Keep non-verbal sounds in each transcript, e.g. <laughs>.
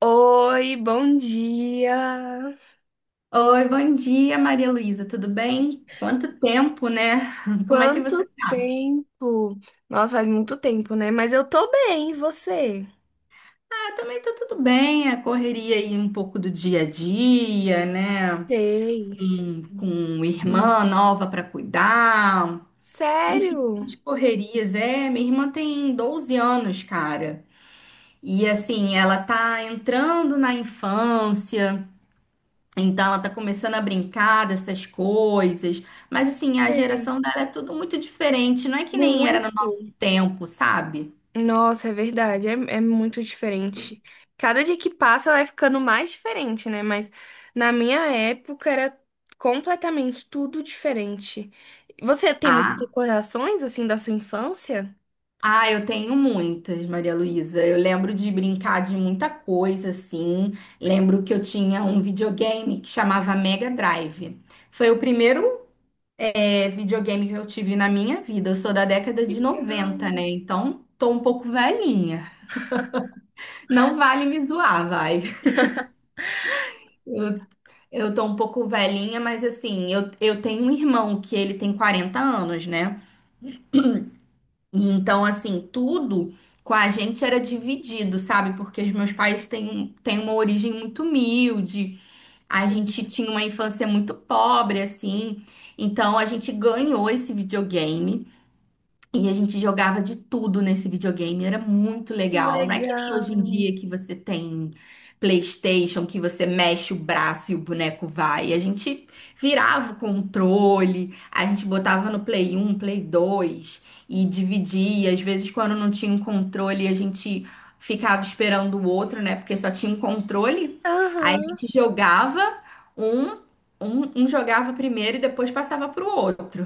Oi, bom dia. Oi, bom dia, Maria Luísa, tudo bem? Quanto tempo, né? <laughs> Como é que você Quanto tá? tempo? Nossa, faz muito tempo, né? Mas eu tô bem, e você? Ah, também tá tudo bem, a correria aí um pouco do dia a dia, né? Fez. Com Hum. irmã nova para cuidar, enfim, Sério? de correrias. É, minha irmã tem 12 anos, cara, e assim, ela tá entrando na infância. Então ela tá começando a brincar dessas coisas, mas assim, a Sei. geração dela é tudo muito diferente, não é que nem era no Muito. nosso tempo, sabe? Nossa, é verdade, é muito diferente. Cada dia que passa vai ficando mais diferente, né? Mas na minha época era completamente tudo diferente. Você tem muitas Ah, recordações, assim, da sua infância? ah, eu tenho muitas, Maria Luísa. Eu lembro de brincar de muita coisa, assim. Lembro que eu tinha um videogame que chamava Mega Drive. Foi o primeiro, videogame que eu tive na minha vida. Eu sou da década de Legal, 90, né? Então, tô um pouco velhinha. Não vale me zoar, vai. <laughs> Eu tô um pouco velhinha, mas assim, eu tenho um irmão que ele tem 40 anos, né? E então, assim, tudo com a gente era dividido, sabe? Porque os meus pais têm uma origem muito humilde, a gente tinha uma infância muito pobre, assim. Então, a gente ganhou esse videogame. E a gente jogava de tudo nesse videogame, era muito que legal. Não é que nem legal. hoje em dia que você tem PlayStation, que você mexe o braço e o boneco vai. A gente virava o controle, a gente botava no Play um Play 2 e dividia. Às vezes, quando não tinha um controle, a gente ficava esperando o outro, né? Porque só tinha um controle. Aí a Aham. gente jogava um, um jogava primeiro e depois passava pro outro.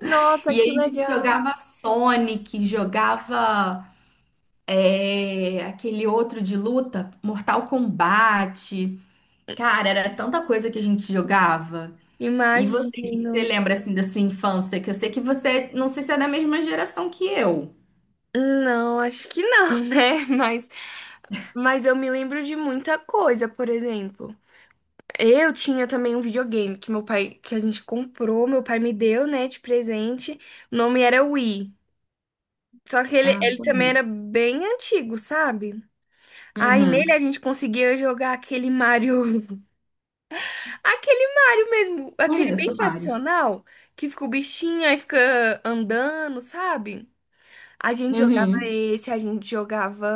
Nossa, E que aí a gente legal. jogava Sonic, jogava aquele outro de luta, Mortal Kombat. Cara, era tanta coisa que a gente jogava. E você, o que que você Imagino. lembra assim da sua infância? Que eu sei que você, não sei se é da mesma geração que eu. Não, acho que não, <laughs> né? Mas eu me lembro de muita coisa, por exemplo. Eu tinha também um videogame que meu pai, que a gente comprou, meu pai me deu, né, de presente. O nome era Wii. Só que ele, Ah, ele também conheço. era bem antigo, sabe? Aí nele Uhum. a gente conseguia jogar aquele Mario, <laughs> aquele Mario mesmo, aquele bem Conheço, Mário. tradicional, que fica o bichinho aí fica andando, sabe? A gente jogava Uhum. esse, a gente jogava.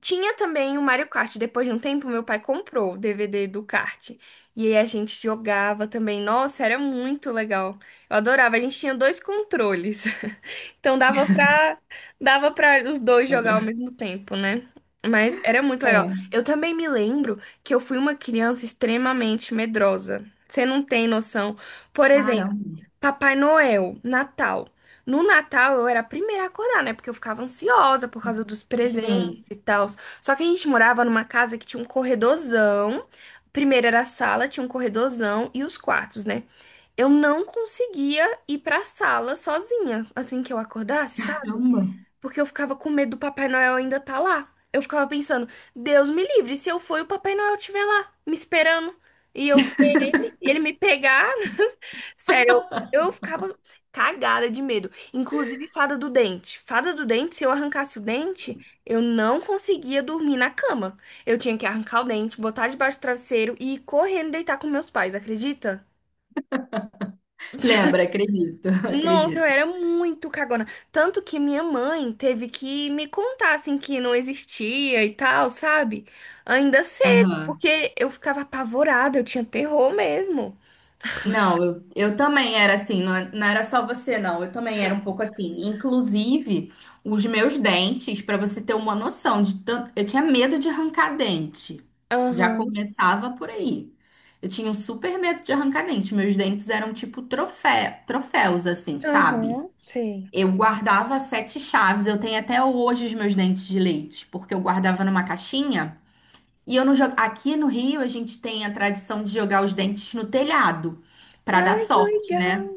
Tinha também o Mario Kart. Depois de um tempo, meu pai comprou o DVD do kart. E aí a gente jogava também. Nossa, era muito legal. Eu adorava. A gente tinha dois controles. <laughs> Então dava pra os dois jogar Dobra. ao mesmo tempo, né? Mas era muito legal. É. Eu também me lembro que eu fui uma criança extremamente medrosa. Você não tem noção. Por exemplo, Caramba. Papai Noel, Natal. No Natal eu era a primeira a acordar, né? Porque eu ficava ansiosa por causa dos presentes Uhum. e tal. Só que a gente morava numa casa que tinha um corredorzão. Primeiro era a sala, tinha um corredorzão e os quartos, né? Eu não conseguia ir pra sala sozinha assim que eu acordasse, sabe? Caramba. Porque eu ficava com medo do Papai Noel ainda tá lá. Eu ficava pensando, Deus me livre, se eu for e o Papai Noel estiver lá, me esperando. E eu ver ele me pegar. Sério, eu ficava cagada de medo. Inclusive, fada do dente. Fada do dente, se eu arrancasse o dente, eu não conseguia dormir na cama. Eu tinha que arrancar o dente, botar debaixo do travesseiro e ir correndo deitar com meus pais, acredita? <laughs> Lembra, acredito, <laughs> Nossa, eu acredito. era muito cagona. Tanto que minha mãe teve que me contar, assim, que não existia e tal, sabe? Ainda cedo, Aham. porque eu ficava apavorada, eu tinha terror mesmo. Não, eu também era assim, não, não era só você, não. Eu também era um pouco assim. Inclusive, os meus dentes, para você ter uma noção de tanto. Eu tinha medo de arrancar dente. Já Aham, começava por aí. Eu tinha um super medo de arrancar dente. Meus dentes eram tipo troféus, assim, sabe? aham, sei. Eu guardava sete chaves. Eu tenho até hoje os meus dentes de leite, porque eu guardava numa caixinha. E eu não jogo. Aqui no Rio, a gente tem a tradição de jogar os dentes no telhado, pra dar Ai, que sorte, legal! né?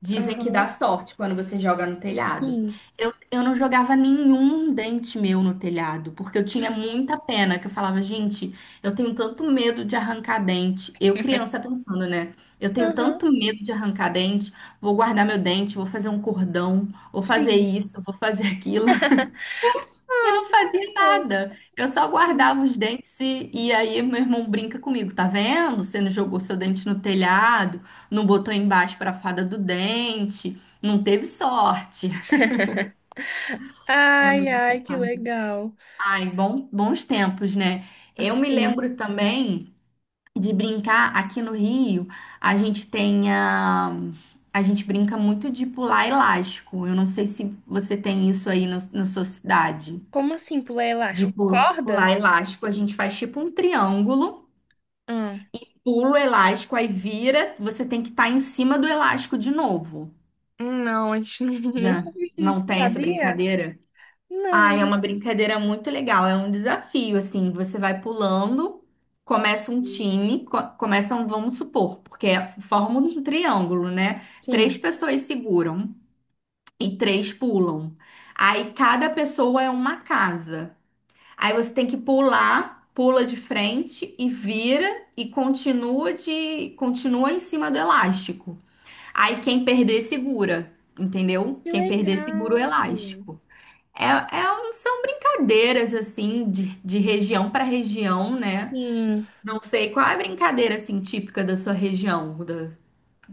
Dizem que dá Aham, sorte quando você joga no telhado. sim. Eu não jogava nenhum dente meu no telhado, porque eu tinha muita pena, que eu falava, gente, eu tenho tanto medo de arrancar dente. Eu, criança, <laughs> pensando, né? Eu tenho Aham, tanto medo de arrancar dente, vou guardar meu dente, vou fazer um cordão, vou fazer sim. isso, vou fazer <laughs> aquilo. E não Nossa, que fazia fofo, nada. Eu só sim. guardava os dentes e aí meu irmão brinca comigo, tá vendo? Você não jogou seu dente no telhado, não botou embaixo pra fada do dente, não teve sorte. É Ai, muito ai, que engraçado. legal. Ai, bom, bons tempos, né? Eu me Assim, lembro também de brincar aqui no Rio, a gente tem a, a gente brinca muito de pular elástico. Eu não sei se você tem isso aí na sua cidade. como assim pular elástico? de pu- Corda? pular elástico, a gente faz tipo um triângulo, hum pula o elástico, aí vira, você tem que estar em cima do elástico de novo. não, a gente <laughs> nunca Já viu não isso, tem essa sabia? brincadeira? Ah, é Não, uma brincadeira muito legal, é um desafio, assim, você vai pulando, começa um time, co começam, vamos supor, porque forma um triângulo, né? Três sim. pessoas seguram e três pulam. Aí cada pessoa é uma casa. Aí você tem que pular, pula de frente e vira e continua em cima do elástico. Aí quem perder segura, entendeu? Que Quem perder segura o legal. elástico. É, são brincadeiras assim de região para região, né? Sim. Não sei qual é a brincadeira assim típica da sua região, da.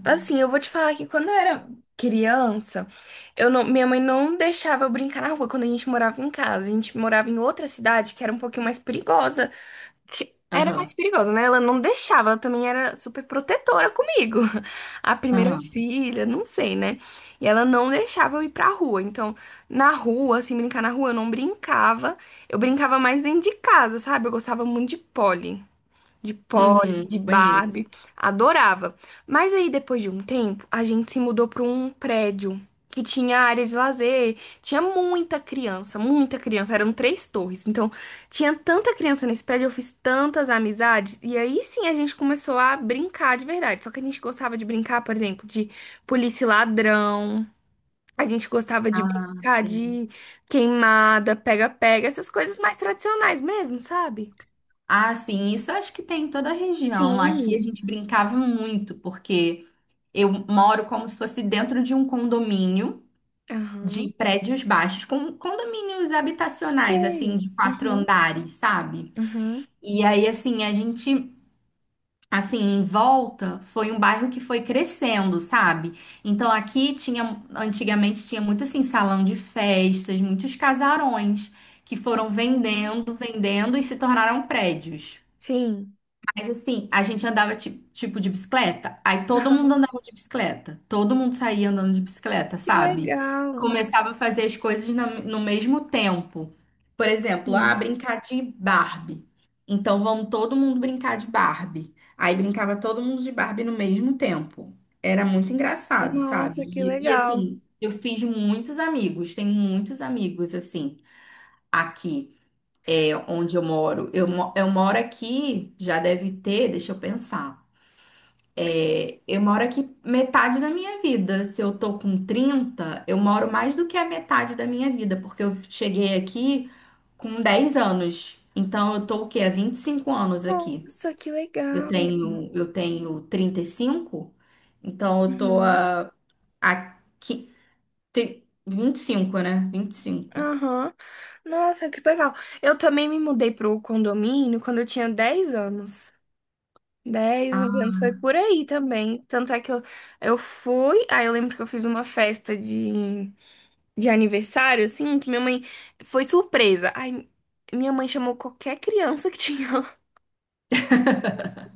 Assim, eu vou te falar que quando eu era criança, eu não, minha mãe não deixava eu brincar na rua quando a gente morava em casa. A gente morava em outra cidade que era um pouquinho mais perigosa. Que era mais Aham. perigosa, né? Ela não deixava, ela também era super protetora comigo. <laughs> A primeira Aham. filha, não sei, né? E ela não deixava eu ir pra rua. Então, na rua, assim, brincar na rua, eu não brincava. Eu brincava mais dentro de casa, sabe? Eu gostava muito de Polly, Uhum, de bem isso. Barbie, adorava. Mas aí depois de um tempo, a gente se mudou para um prédio que tinha área de lazer, tinha muita criança, eram três torres. Então, tinha tanta criança nesse prédio, eu fiz tantas amizades e aí sim a gente começou a brincar de verdade. Só que a gente gostava de brincar, por exemplo, de polícia e ladrão. A gente gostava de Ah, brincar sim. de queimada, pega-pega, essas coisas mais tradicionais mesmo, sabe? Ah, sim, isso eu acho que tem em toda a região. Aqui a Sim. gente brincava muito, porque eu moro como se fosse dentro de um condomínio de Aham. prédios baixos, com condomínios habitacionais, assim, Sei. de quatro Uhum. andares, sabe? Uhum. E aí, assim, a gente, assim, em volta foi um bairro que foi crescendo, sabe? Então aqui tinha, antigamente tinha muito, assim, salão de festas, muitos casarões que foram Uhum. vendendo, vendendo e se tornaram prédios. Sim. Mas assim, a gente andava tipo de bicicleta, aí todo Aham. mundo andava de bicicleta, todo mundo saía andando de bicicleta, Que sabe? legal. Começava a fazer as coisas no mesmo tempo. Por exemplo, Sim. brincar de Barbie. Então vamos todo mundo brincar de Barbie. Aí brincava todo mundo de Barbie no mesmo tempo. Era muito engraçado, sabe? Nossa, que E legal. assim, eu fiz muitos amigos, tenho muitos amigos assim aqui. É onde eu moro. Eu moro aqui, já deve ter, deixa eu pensar. É, eu moro aqui metade da minha vida. Se eu tô com 30 eu moro mais do que a metade da minha vida, porque eu cheguei aqui com 10 anos. Então eu tô o quê? Há 25 anos aqui. Nossa, que Eu legal. tenho, eu tenho 35, então eu tô Uhum. a há qui- tri- 25, né? 25. Aham. Nossa, que legal. Eu também me mudei pro condomínio quando eu tinha 10 anos. 10 11 anos foi por aí também. Tanto é que eu fui, aí eu lembro que eu fiz uma festa de aniversário, assim, que minha mãe foi surpresa. Aí minha mãe chamou qualquer criança que tinha,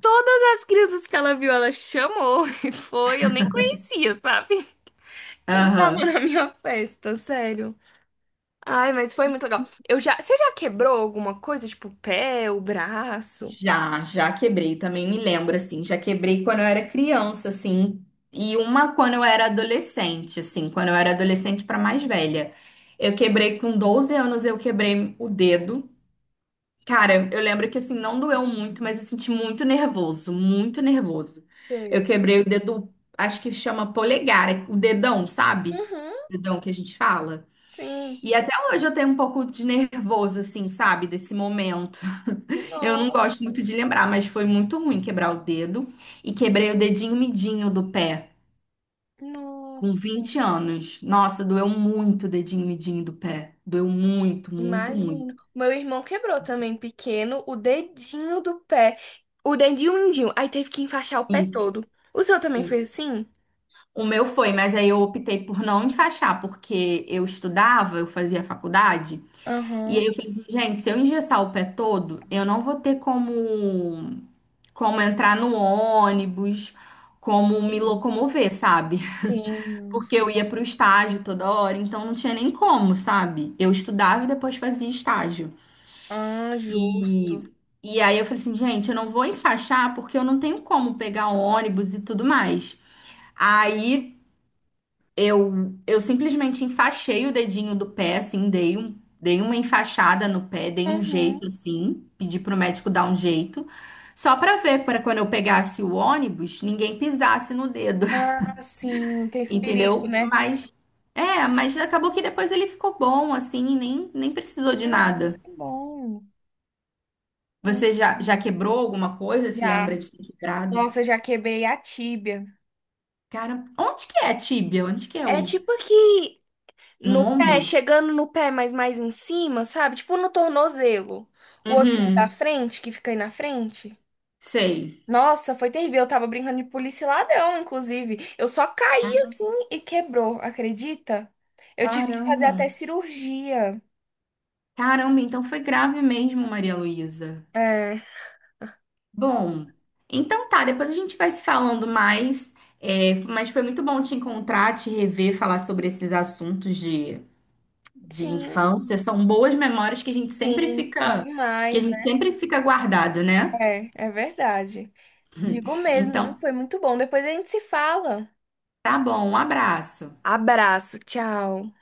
todas as crianças que ela viu, ela chamou <laughs> e foi. Eu nem conhecia, sabe? Quem tava Aham. na minha festa, sério. Ai, mas foi muito legal. Você já quebrou alguma coisa, tipo o pé, o braço? Já quebrei, também me lembro, assim, já quebrei quando eu era criança, assim, e uma quando eu era adolescente, assim, quando eu era adolescente para mais velha. Eu quebrei com 12 anos, eu quebrei o dedo. Cara, eu lembro que, assim, não doeu muito, mas eu senti muito nervoso, muito nervoso. Eu Sei. quebrei o dedo, acho que chama polegar, o dedão, sabe? Uhum, Dedão que a gente fala. sim. E até hoje eu tenho um pouco de nervoso, assim, sabe, desse momento. Eu não No- gosto muito de lembrar, mas foi muito ruim quebrar o dedo. E quebrei o dedinho midinho do pé, com Nossa, 20 anos. Nossa, doeu muito o dedinho midinho do pé. Doeu muito, muito, muito. imagino. O meu irmão quebrou também, pequeno, o dedinho do pé. O dedinho mindinho. Aí teve que enfaixar o pé Isso, todo. O seu também foi isso. assim? O meu foi, mas aí eu optei por não enfaixar, porque eu estudava, eu fazia faculdade. E Aham. aí eu falei assim, gente, se eu engessar o pé todo, eu não vou ter como, como entrar no ônibus, como me Sim, locomover, sabe? sim, Porque eu sim. ia para o estágio toda hora, então não tinha nem como, sabe? Eu estudava e depois fazia estágio. Ah, justo. E, e aí eu falei assim, gente, eu não vou enfaixar porque eu não tenho como pegar ônibus e tudo mais. Aí eu simplesmente enfaixei o dedinho do pé, assim, dei uma enfaixada no pé, dei um Uhum. jeito, assim, pedi pro médico dar um jeito, só pra ver, para quando eu pegasse o ônibus, ninguém pisasse no dedo. Ah, sim, tem esse perigo, Entendeu? né? Mas acabou que depois ele ficou bom assim e nem precisou de Ah, nada. que bom. Uhum. Você já quebrou alguma coisa? Se lembra Já. de ter quebrado? Nossa, eu já quebrei a tíbia. Cara, onde que é a tíbia? Onde que é É o tipo aqui no no pé, ombro? chegando no pé, mas mais em cima, sabe? Tipo no tornozelo. O ossinho da Uhum, frente, que fica aí na frente. sei. Nossa, foi terrível. Eu tava brincando de polícia e ladrão, inclusive. Eu só caí assim e quebrou, acredita? Eu tive que fazer Caramba. até cirurgia. Caramba, então foi grave mesmo, Maria Luísa. É. Bom, então tá, depois a gente vai se falando mais. É, mas foi muito bom te encontrar, te rever, falar sobre esses assuntos de Sim, infância são boas memórias que a gente sempre sim, fica, que a demais. gente sempre fica guardado, né? É. É verdade. Digo mesmo, viu? Então, Foi muito bom. Depois a gente se fala. tá bom, um abraço. Abraço, tchau.